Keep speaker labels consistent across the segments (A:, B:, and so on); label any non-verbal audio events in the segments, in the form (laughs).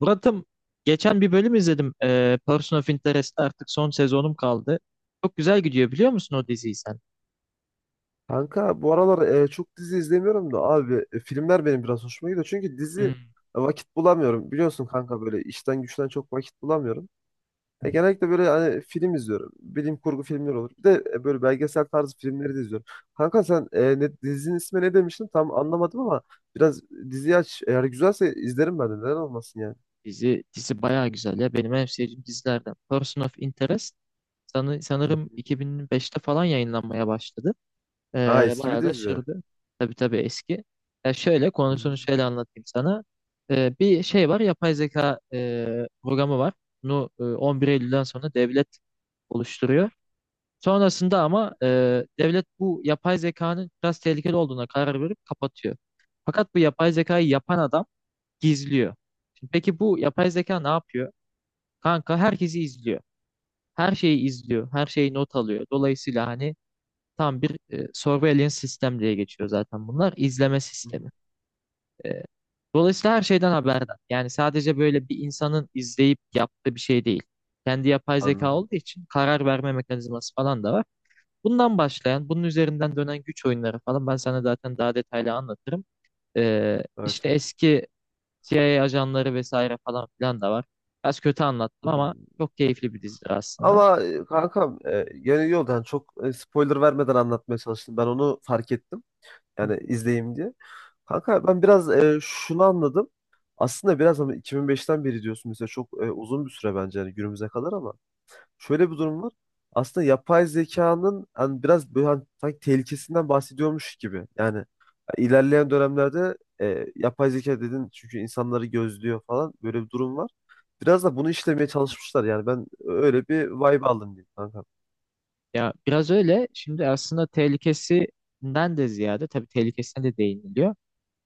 A: Murat'ım geçen bir bölüm izledim. Person of Interest'te artık son sezonum kaldı. Çok güzel gidiyor biliyor musun o diziyi sen?
B: Kanka bu aralar çok dizi izlemiyorum da abi filmler benim biraz hoşuma gidiyor. Çünkü dizi
A: Hmm.
B: vakit bulamıyorum. Biliyorsun kanka böyle işten güçten çok vakit bulamıyorum. Genellikle böyle hani film izliyorum. Bilim kurgu filmleri olur. Bir de böyle belgesel tarzı filmleri de izliyorum. Kanka sen dizinin ismi ne demiştin? Tam anlamadım ama biraz diziyi aç. Eğer güzelse izlerim ben de. Neden olmasın yani?
A: Dizi bayağı güzel ya. Benim en sevdiğim dizilerden. Person of Interest sanı-
B: Hı
A: sanırım
B: hı.
A: 2005'te falan yayınlanmaya başladı.
B: Ha eski bir
A: Bayağı da
B: dizi. Hı
A: sürdü. Tabii tabii eski. Ya şöyle
B: hı.
A: konusunu şöyle anlatayım sana. Bir şey var yapay zeka programı var. Bunu 11 Eylül'den sonra devlet oluşturuyor. Sonrasında ama devlet bu yapay zekanın biraz tehlikeli olduğuna karar verip kapatıyor. Fakat bu yapay zekayı yapan adam gizliyor. Şimdi peki bu yapay zeka ne yapıyor? Kanka herkesi izliyor. Her şeyi izliyor. Her şeyi not alıyor. Dolayısıyla hani tam bir surveillance sistem diye geçiyor zaten bunlar. İzleme
B: Hı hı.
A: sistemi. E, Dolayısıyla her şeyden haberdar. Yani sadece böyle bir insanın izleyip yaptığı bir şey değil. Kendi yapay zeka
B: Anladım.
A: olduğu için karar verme mekanizması falan da var. Bundan başlayan, bunun üzerinden dönen güç oyunları falan ben sana zaten daha detaylı anlatırım.
B: Evet,
A: İşte
B: evet.
A: eski CIA ajanları vesaire falan filan da var. Biraz kötü
B: Hı.
A: anlattım ama çok keyifli bir dizidir aslında.
B: Ama kankam yani yok yani çok spoiler vermeden anlatmaya çalıştım. Ben onu fark ettim.
A: Hı.
B: Yani izleyeyim diye. Kanka ben biraz şunu anladım. Aslında biraz ama 2005'ten beri diyorsun mesela çok uzun bir süre bence yani günümüze kadar ama şöyle bir durum var. Aslında yapay zekanın hani biraz böyle hani sanki tehlikesinden bahsediyormuş gibi. Yani ilerleyen dönemlerde yapay zeka dedin çünkü insanları gözlüyor falan böyle bir durum var. Biraz da bunu işlemeye çalışmışlar. Yani ben öyle bir vibe aldım diyeyim kankam.
A: Ya biraz öyle. Şimdi aslında tehlikesinden de ziyade tabii tehlikesine de değiniliyor.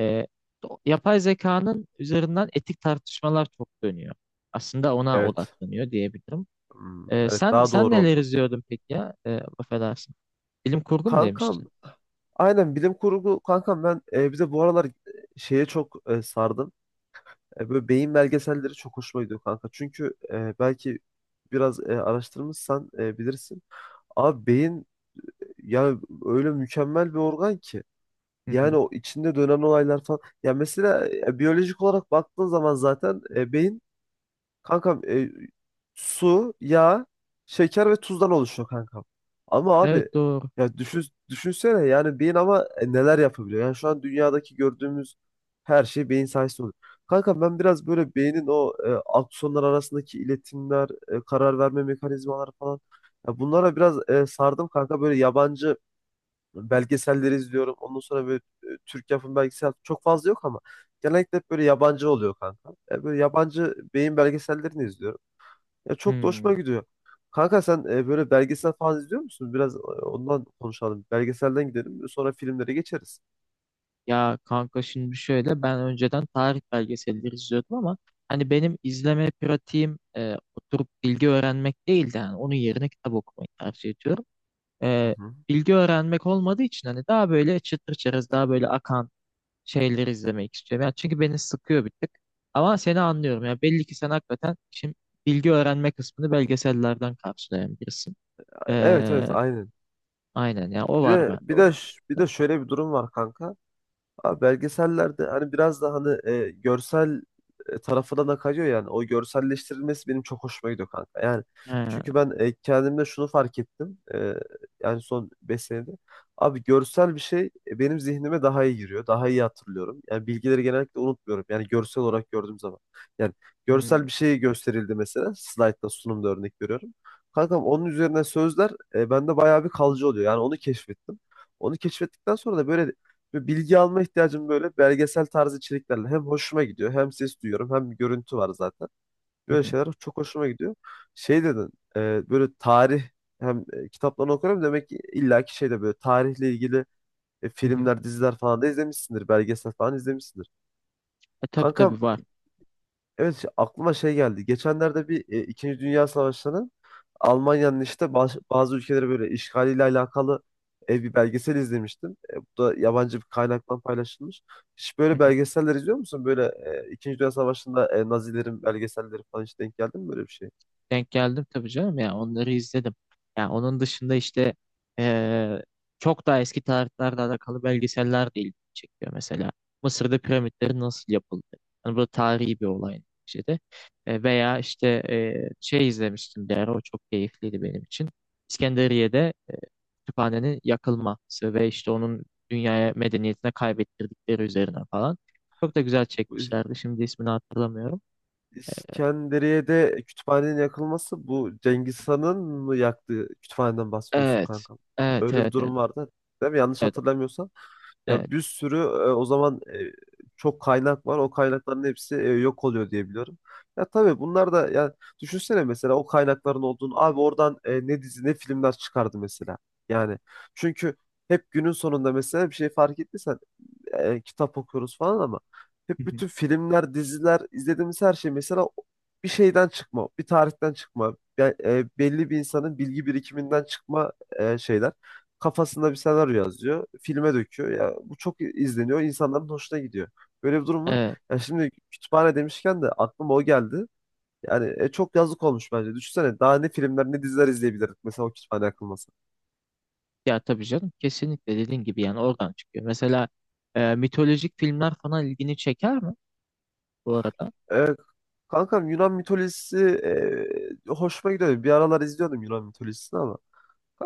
A: Ee, Yapay zekanın üzerinden etik tartışmalar çok dönüyor. Aslında ona
B: Evet.
A: odaklanıyor diyebilirim.
B: Hmm, evet
A: Sen
B: daha
A: sen
B: doğru
A: neler
B: oldu.
A: izliyordun peki ya? Affedersin. Bilim kurgu mu
B: Kankam
A: demiştin?
B: aynen bilim kurgu kankam ben bize bu aralar şeye çok sardım. Böyle beyin belgeselleri çok hoşuma gidiyor kanka. Çünkü belki biraz araştırmışsan bilirsin. Abi beyin yani öyle mükemmel bir organ ki.
A: Hı
B: Yani
A: hı.
B: o içinde dönen olaylar falan. Ya mesela biyolojik olarak baktığın zaman zaten beyin kankam, su, yağ, şeker ve tuzdan oluşuyor kankam. Ama abi
A: Evet doğru.
B: ya düşünsene yani beyin ama neler yapabiliyor. Yani şu an dünyadaki gördüğümüz her şey beyin sayesinde oluyor. Kankam ben biraz böyle beynin o aksonlar arasındaki iletimler, karar verme mekanizmaları falan ya bunlara biraz sardım kanka böyle yabancı belgeselleri izliyorum. Ondan sonra böyle Türk yapım belgesel çok fazla yok ama genellikle hep böyle yabancı oluyor kanka. Ya böyle yabancı beyin belgesellerini izliyorum. Ya çok da
A: Hmm.
B: hoşuma gidiyor. Kanka sen böyle belgesel falan izliyor musun? Biraz ondan konuşalım. Belgeselden gidelim. Sonra filmlere geçeriz.
A: Ya kanka şimdi şöyle ben önceden tarih belgeselleri izliyordum ama hani benim izleme pratiğim oturup bilgi öğrenmek değildi. Yani onun yerine kitap okumayı tercih ediyorum.
B: Hı
A: E,
B: hı.
A: Bilgi öğrenmek olmadığı için hani daha böyle çıtır çerez daha böyle akan şeyleri izlemek istiyorum. Yani çünkü beni sıkıyor bir tık. Ama seni anlıyorum. Ya belli ki sen hakikaten şimdi bilgi öğrenme kısmını belgesellerden karşılayan birisin.
B: Evet, evet,
A: E,
B: aynen.
A: aynen ya o
B: Bir
A: var
B: de
A: bende
B: bir de
A: onun
B: ş- bir
A: dışında.
B: de şöyle bir durum var kanka. Abi belgesellerde hani biraz da hani görsel tarafına da kayıyor yani. O görselleştirilmesi benim çok hoşuma gidiyor kanka. Yani
A: He,
B: çünkü ben kendimde şunu fark ettim. Yani son 5 senede. Abi görsel bir şey benim zihnime daha iyi giriyor. Daha iyi hatırlıyorum. Yani bilgileri genellikle unutmuyorum. Yani görsel olarak gördüğüm zaman. Yani
A: hmm,
B: görsel bir şey gösterildi mesela. Slide'da sunumda örnek veriyorum. Kankam onun üzerine sözler bende bayağı bir kalıcı oluyor. Yani onu keşfettim. Onu keşfettikten sonra da böyle ve bilgi alma ihtiyacım böyle belgesel tarzı içeriklerle hem hoşuma gidiyor hem ses duyuyorum hem bir görüntü var zaten.
A: hı
B: Böyle
A: hı,
B: şeyler çok hoşuma gidiyor. Şey dedin böyle tarih hem kitaplarını okuyorum demek ki illaki şeyde böyle tarihle ilgili
A: hı hı.
B: filmler diziler falan da izlemişsindir belgesel falan izlemişsindir.
A: Tabii
B: Kankam
A: tabii var.
B: evet aklıma şey geldi. Geçenlerde bir İkinci Dünya Savaşı'nın Almanya'nın işte bazı ülkeleri böyle işgaliyle alakalı bir belgesel izlemiştim. Bu da yabancı bir kaynaktan paylaşılmış. Hiç
A: (laughs) Hı
B: böyle
A: hı.
B: belgeseller izliyor musun? Böyle İkinci Dünya Savaşı'nda Nazilerin belgeselleri falan hiç denk geldi mi böyle bir
A: Denk geldim tabii canım ya onları izledim. Ya onun dışında işte eee, çok daha eski tarihlerle alakalı belgeseller de ilgimi çekiyor mesela. Mısır'da piramitlerin nasıl yapıldı? Hani bu tarihi bir olay şeyde. Veya işte şey izlemiştim bir ara o çok keyifliydi benim için. İskenderiye'de kütüphanenin yakılması ve işte onun dünyaya medeniyetine kaybettirdikleri üzerine falan. Çok da güzel
B: şey?
A: çekmişlerdi. Şimdi ismini hatırlamıyorum. E,
B: İskenderiye'de kütüphanenin yakılması bu Cengiz Han'ın mı yaktığı kütüphaneden bahsediyorsun
A: Evet.
B: kankam.
A: Evet,
B: Öyle bir
A: evet, evet.
B: durum vardı değil mi? Yanlış
A: Evet,
B: hatırlamıyorsam. Ya
A: evet,
B: bir sürü o zaman çok kaynak var. O kaynakların hepsi yok oluyor diye biliyorum. Ya tabii bunlar da ya düşünsene mesela o kaynakların olduğunu abi oradan ne dizi ne filmler çıkardı mesela. Yani çünkü hep günün sonunda mesela bir şey fark ettiysen kitap okuyoruz falan ama
A: hı
B: hep
A: hı,
B: bütün filmler, diziler, izlediğimiz her şey mesela bir şeyden çıkma, bir tarihten çıkma, belli bir insanın bilgi birikiminden çıkma şeyler. Kafasında bir senaryo yazıyor, filme döküyor. Ya bu çok izleniyor, insanların hoşuna gidiyor. Böyle bir durum var.
A: evet.
B: Ya şimdi kütüphane demişken de aklıma o geldi. Yani çok yazık olmuş bence. Düşünsene daha ne filmler ne diziler izleyebilirdik mesela o kütüphane akılması.
A: Ya tabii canım kesinlikle dediğin gibi yani oradan çıkıyor. Mesela mitolojik filmler falan ilgini çeker mi bu arada?
B: Kankam Yunan mitolojisi hoşuma gidiyordu. Bir aralar izliyordum Yunan mitolojisini ama.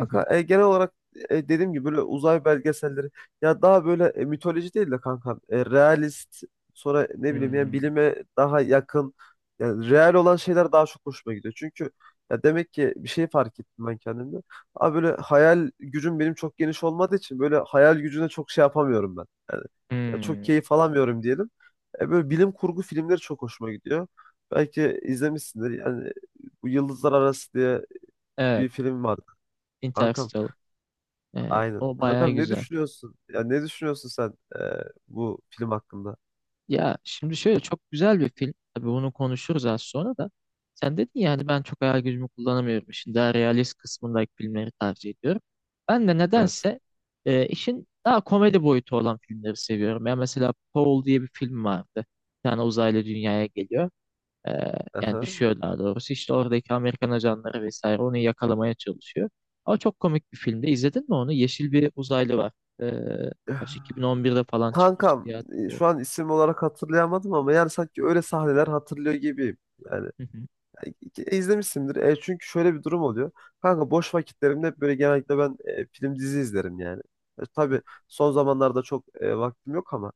A: Hı hı.
B: genel olarak dediğim gibi böyle uzay belgeselleri ya daha böyle mitoloji değil de kankam realist sonra ne bileyim yani
A: Hmm,
B: bilime daha yakın yani real olan şeyler daha çok hoşuma gidiyor. Çünkü ya demek ki bir şey fark ettim ben kendimde. Abi böyle hayal gücüm benim çok geniş olmadığı için böyle hayal gücüne çok şey yapamıyorum ben. Yani ya çok
A: hmm,
B: keyif alamıyorum diyelim. Böyle bilim kurgu filmleri çok hoşuma gidiyor. Belki izlemişsindir. Yani bu Yıldızlar Arası diye
A: Evet,
B: bir film vardı. Kankam,
A: Interstellar.
B: aynen.
A: O bayağı
B: Kankam ne
A: güzel.
B: düşünüyorsun? Ya ne düşünüyorsun sen e, bu film hakkında?
A: Ya şimdi şöyle çok güzel bir film. Tabii bunu konuşuruz az sonra da. Sen dedin ya hani ben çok hayal gücümü kullanamıyorum. Şimdi daha realist kısmındaki filmleri tercih ediyorum. Ben de
B: Evet.
A: nedense işin daha komedi boyutu olan filmleri seviyorum. Ya mesela Paul diye bir film vardı. Bir tane uzaylı dünyaya geliyor. E, Yani
B: Aha.
A: düşüyor daha doğrusu. İşte oradaki Amerikan ajanları vesaire onu yakalamaya çalışıyor. Ama çok komik bir filmde. İzledin mi onu? Yeşil bir uzaylı var. E, kaç, 2011'de falan çıkmış
B: Kankam,
A: diye hatırlıyorum.
B: şu an isim olarak hatırlayamadım ama yani sanki öyle sahneler hatırlıyor gibiyim. Yani
A: Hı hı.
B: izlemişsindir. Çünkü şöyle bir durum oluyor. Kanka boş vakitlerimde hep böyle genellikle ben film dizi izlerim yani. Tabii son zamanlarda çok vaktim yok ama.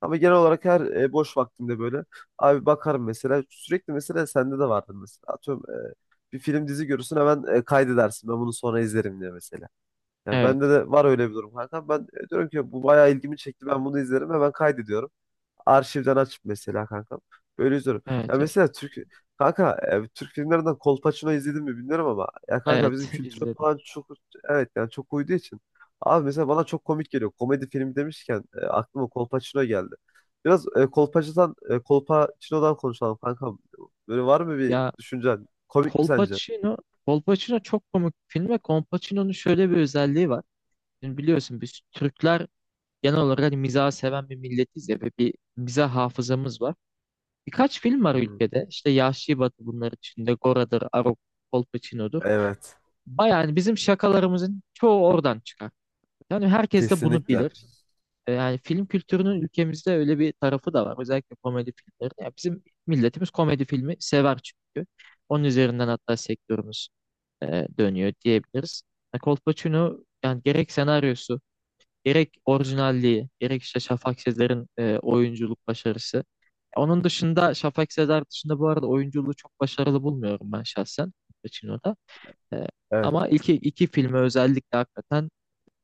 B: Ama genel olarak her boş vaktimde böyle abi bakarım mesela. Sürekli mesela sende de vardır mesela. Atıyorum bir film dizi görürsün hemen kaydedersin. Ben bunu sonra izlerim diye mesela. Yani
A: Evet.
B: bende de var öyle bir durum kanka. Ben diyorum ki bu bayağı ilgimi çekti. Ben bunu izlerim hemen kaydediyorum. Arşivden açıp mesela kanka. Böyle izliyorum. Ya
A: Evet, evet,
B: mesela Türk kanka Türk filmlerinden Kolpaçino izledim mi bilmiyorum ama ya kanka bizim
A: Evet,
B: kültüre
A: izledim.
B: falan çok evet yani çok uyduğu için. Abi mesela bana çok komik geliyor. Komedi filmi demişken aklıma Kolpaçino geldi. Biraz Kolpaçino'dan konuşalım kankam. Böyle var mı bir
A: Ya
B: düşüncen? Komik mi sence?
A: Kolpaçino, Kolpaçino çok komik bir film ve Kolpaçino'nun şöyle bir özelliği var. Şimdi biliyorsun biz Türkler genel olarak hani mizahı seven bir milletiz ya ve bir mizah hafızamız var. Birkaç film var
B: Hı hı.
A: ülkede. İşte Yahşi Batı bunlar içinde. Gora'dır, Arok, Kolpaçino'dur.
B: Evet.
A: Bayağı yani bizim şakalarımızın çoğu oradan çıkar. Yani herkes de bunu
B: Kesinlikle.
A: bilir. Yani film kültürünün ülkemizde öyle bir tarafı da var. Özellikle komedi filmleri. Ya bizim milletimiz komedi filmi sever çünkü. Onun üzerinden hatta sektörümüz dönüyor diyebiliriz. Kolpaçino yani gerek senaryosu, gerek orijinalliği, gerek işte Şafak Sezer'in oyunculuk başarısı. Onun dışında Şafak Sezer dışında bu arada oyunculuğu çok başarılı bulmuyorum ben şahsen Kolpaçino'da. E,
B: Evet.
A: ama iki filmi özellikle hakikaten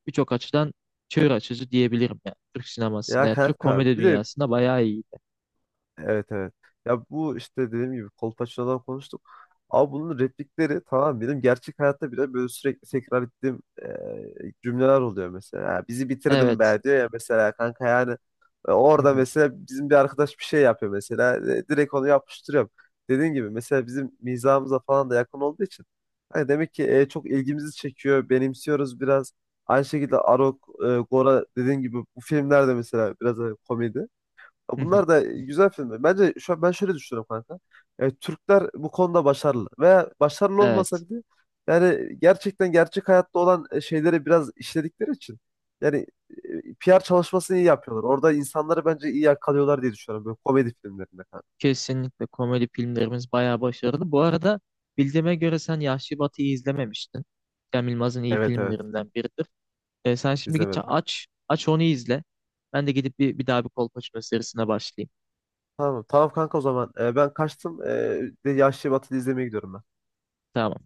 A: birçok açıdan çığır açıcı diyebilirim yani Türk sinemasında.
B: Ya
A: Yani Türk
B: kanka
A: komedi
B: bir de
A: dünyasında bayağı iyi.
B: evet, evet. Ya bu işte dediğim gibi Kolpaçino'dan konuştuk. Ama bunun replikleri tamam benim gerçek hayatta bile böyle sürekli tekrar ettiğim cümleler oluyor mesela. Ya bizi bitirdin
A: Evet.
B: be diyor ya mesela kanka yani
A: Hı
B: orada
A: hı.
B: mesela bizim bir arkadaş bir şey yapıyor mesela direkt onu yapıştırıyorum. Dediğim gibi mesela bizim mizahımıza falan da yakın olduğu için hani demek ki çok ilgimizi çekiyor, benimsiyoruz biraz. Aynı şekilde Arok, Gora dediğim gibi bu filmlerde mesela biraz komedi. Ya
A: Hı hı.
B: bunlar da güzel filmler. Bence şu an ben şöyle düşünüyorum kanka. Türkler bu konuda başarılı. Veya başarılı olmasa
A: Evet.
B: bile yani gerçek hayatta olan şeyleri biraz işledikleri için yani PR çalışmasını iyi yapıyorlar. Orada insanları bence iyi yakalıyorlar diye düşünüyorum böyle komedi filmlerinde kanka.
A: Kesinlikle komedi filmlerimiz bayağı başarılı. Bu arada bildiğime göre sen Yahşi Batı'yı izlememiştin. Cem Yılmaz'ın iyi
B: Evet, evet,
A: filmlerinden biridir. Sen şimdi git
B: izlemedim.
A: aç aç onu izle. Ben de gidip bir daha bir Kolpaçino serisine başlayayım.
B: Tamam, tamam kanka o zaman. Ben kaçtım. Bir de Yahşi Batı'yı izlemeye gidiyorum ben.
A: Tamam.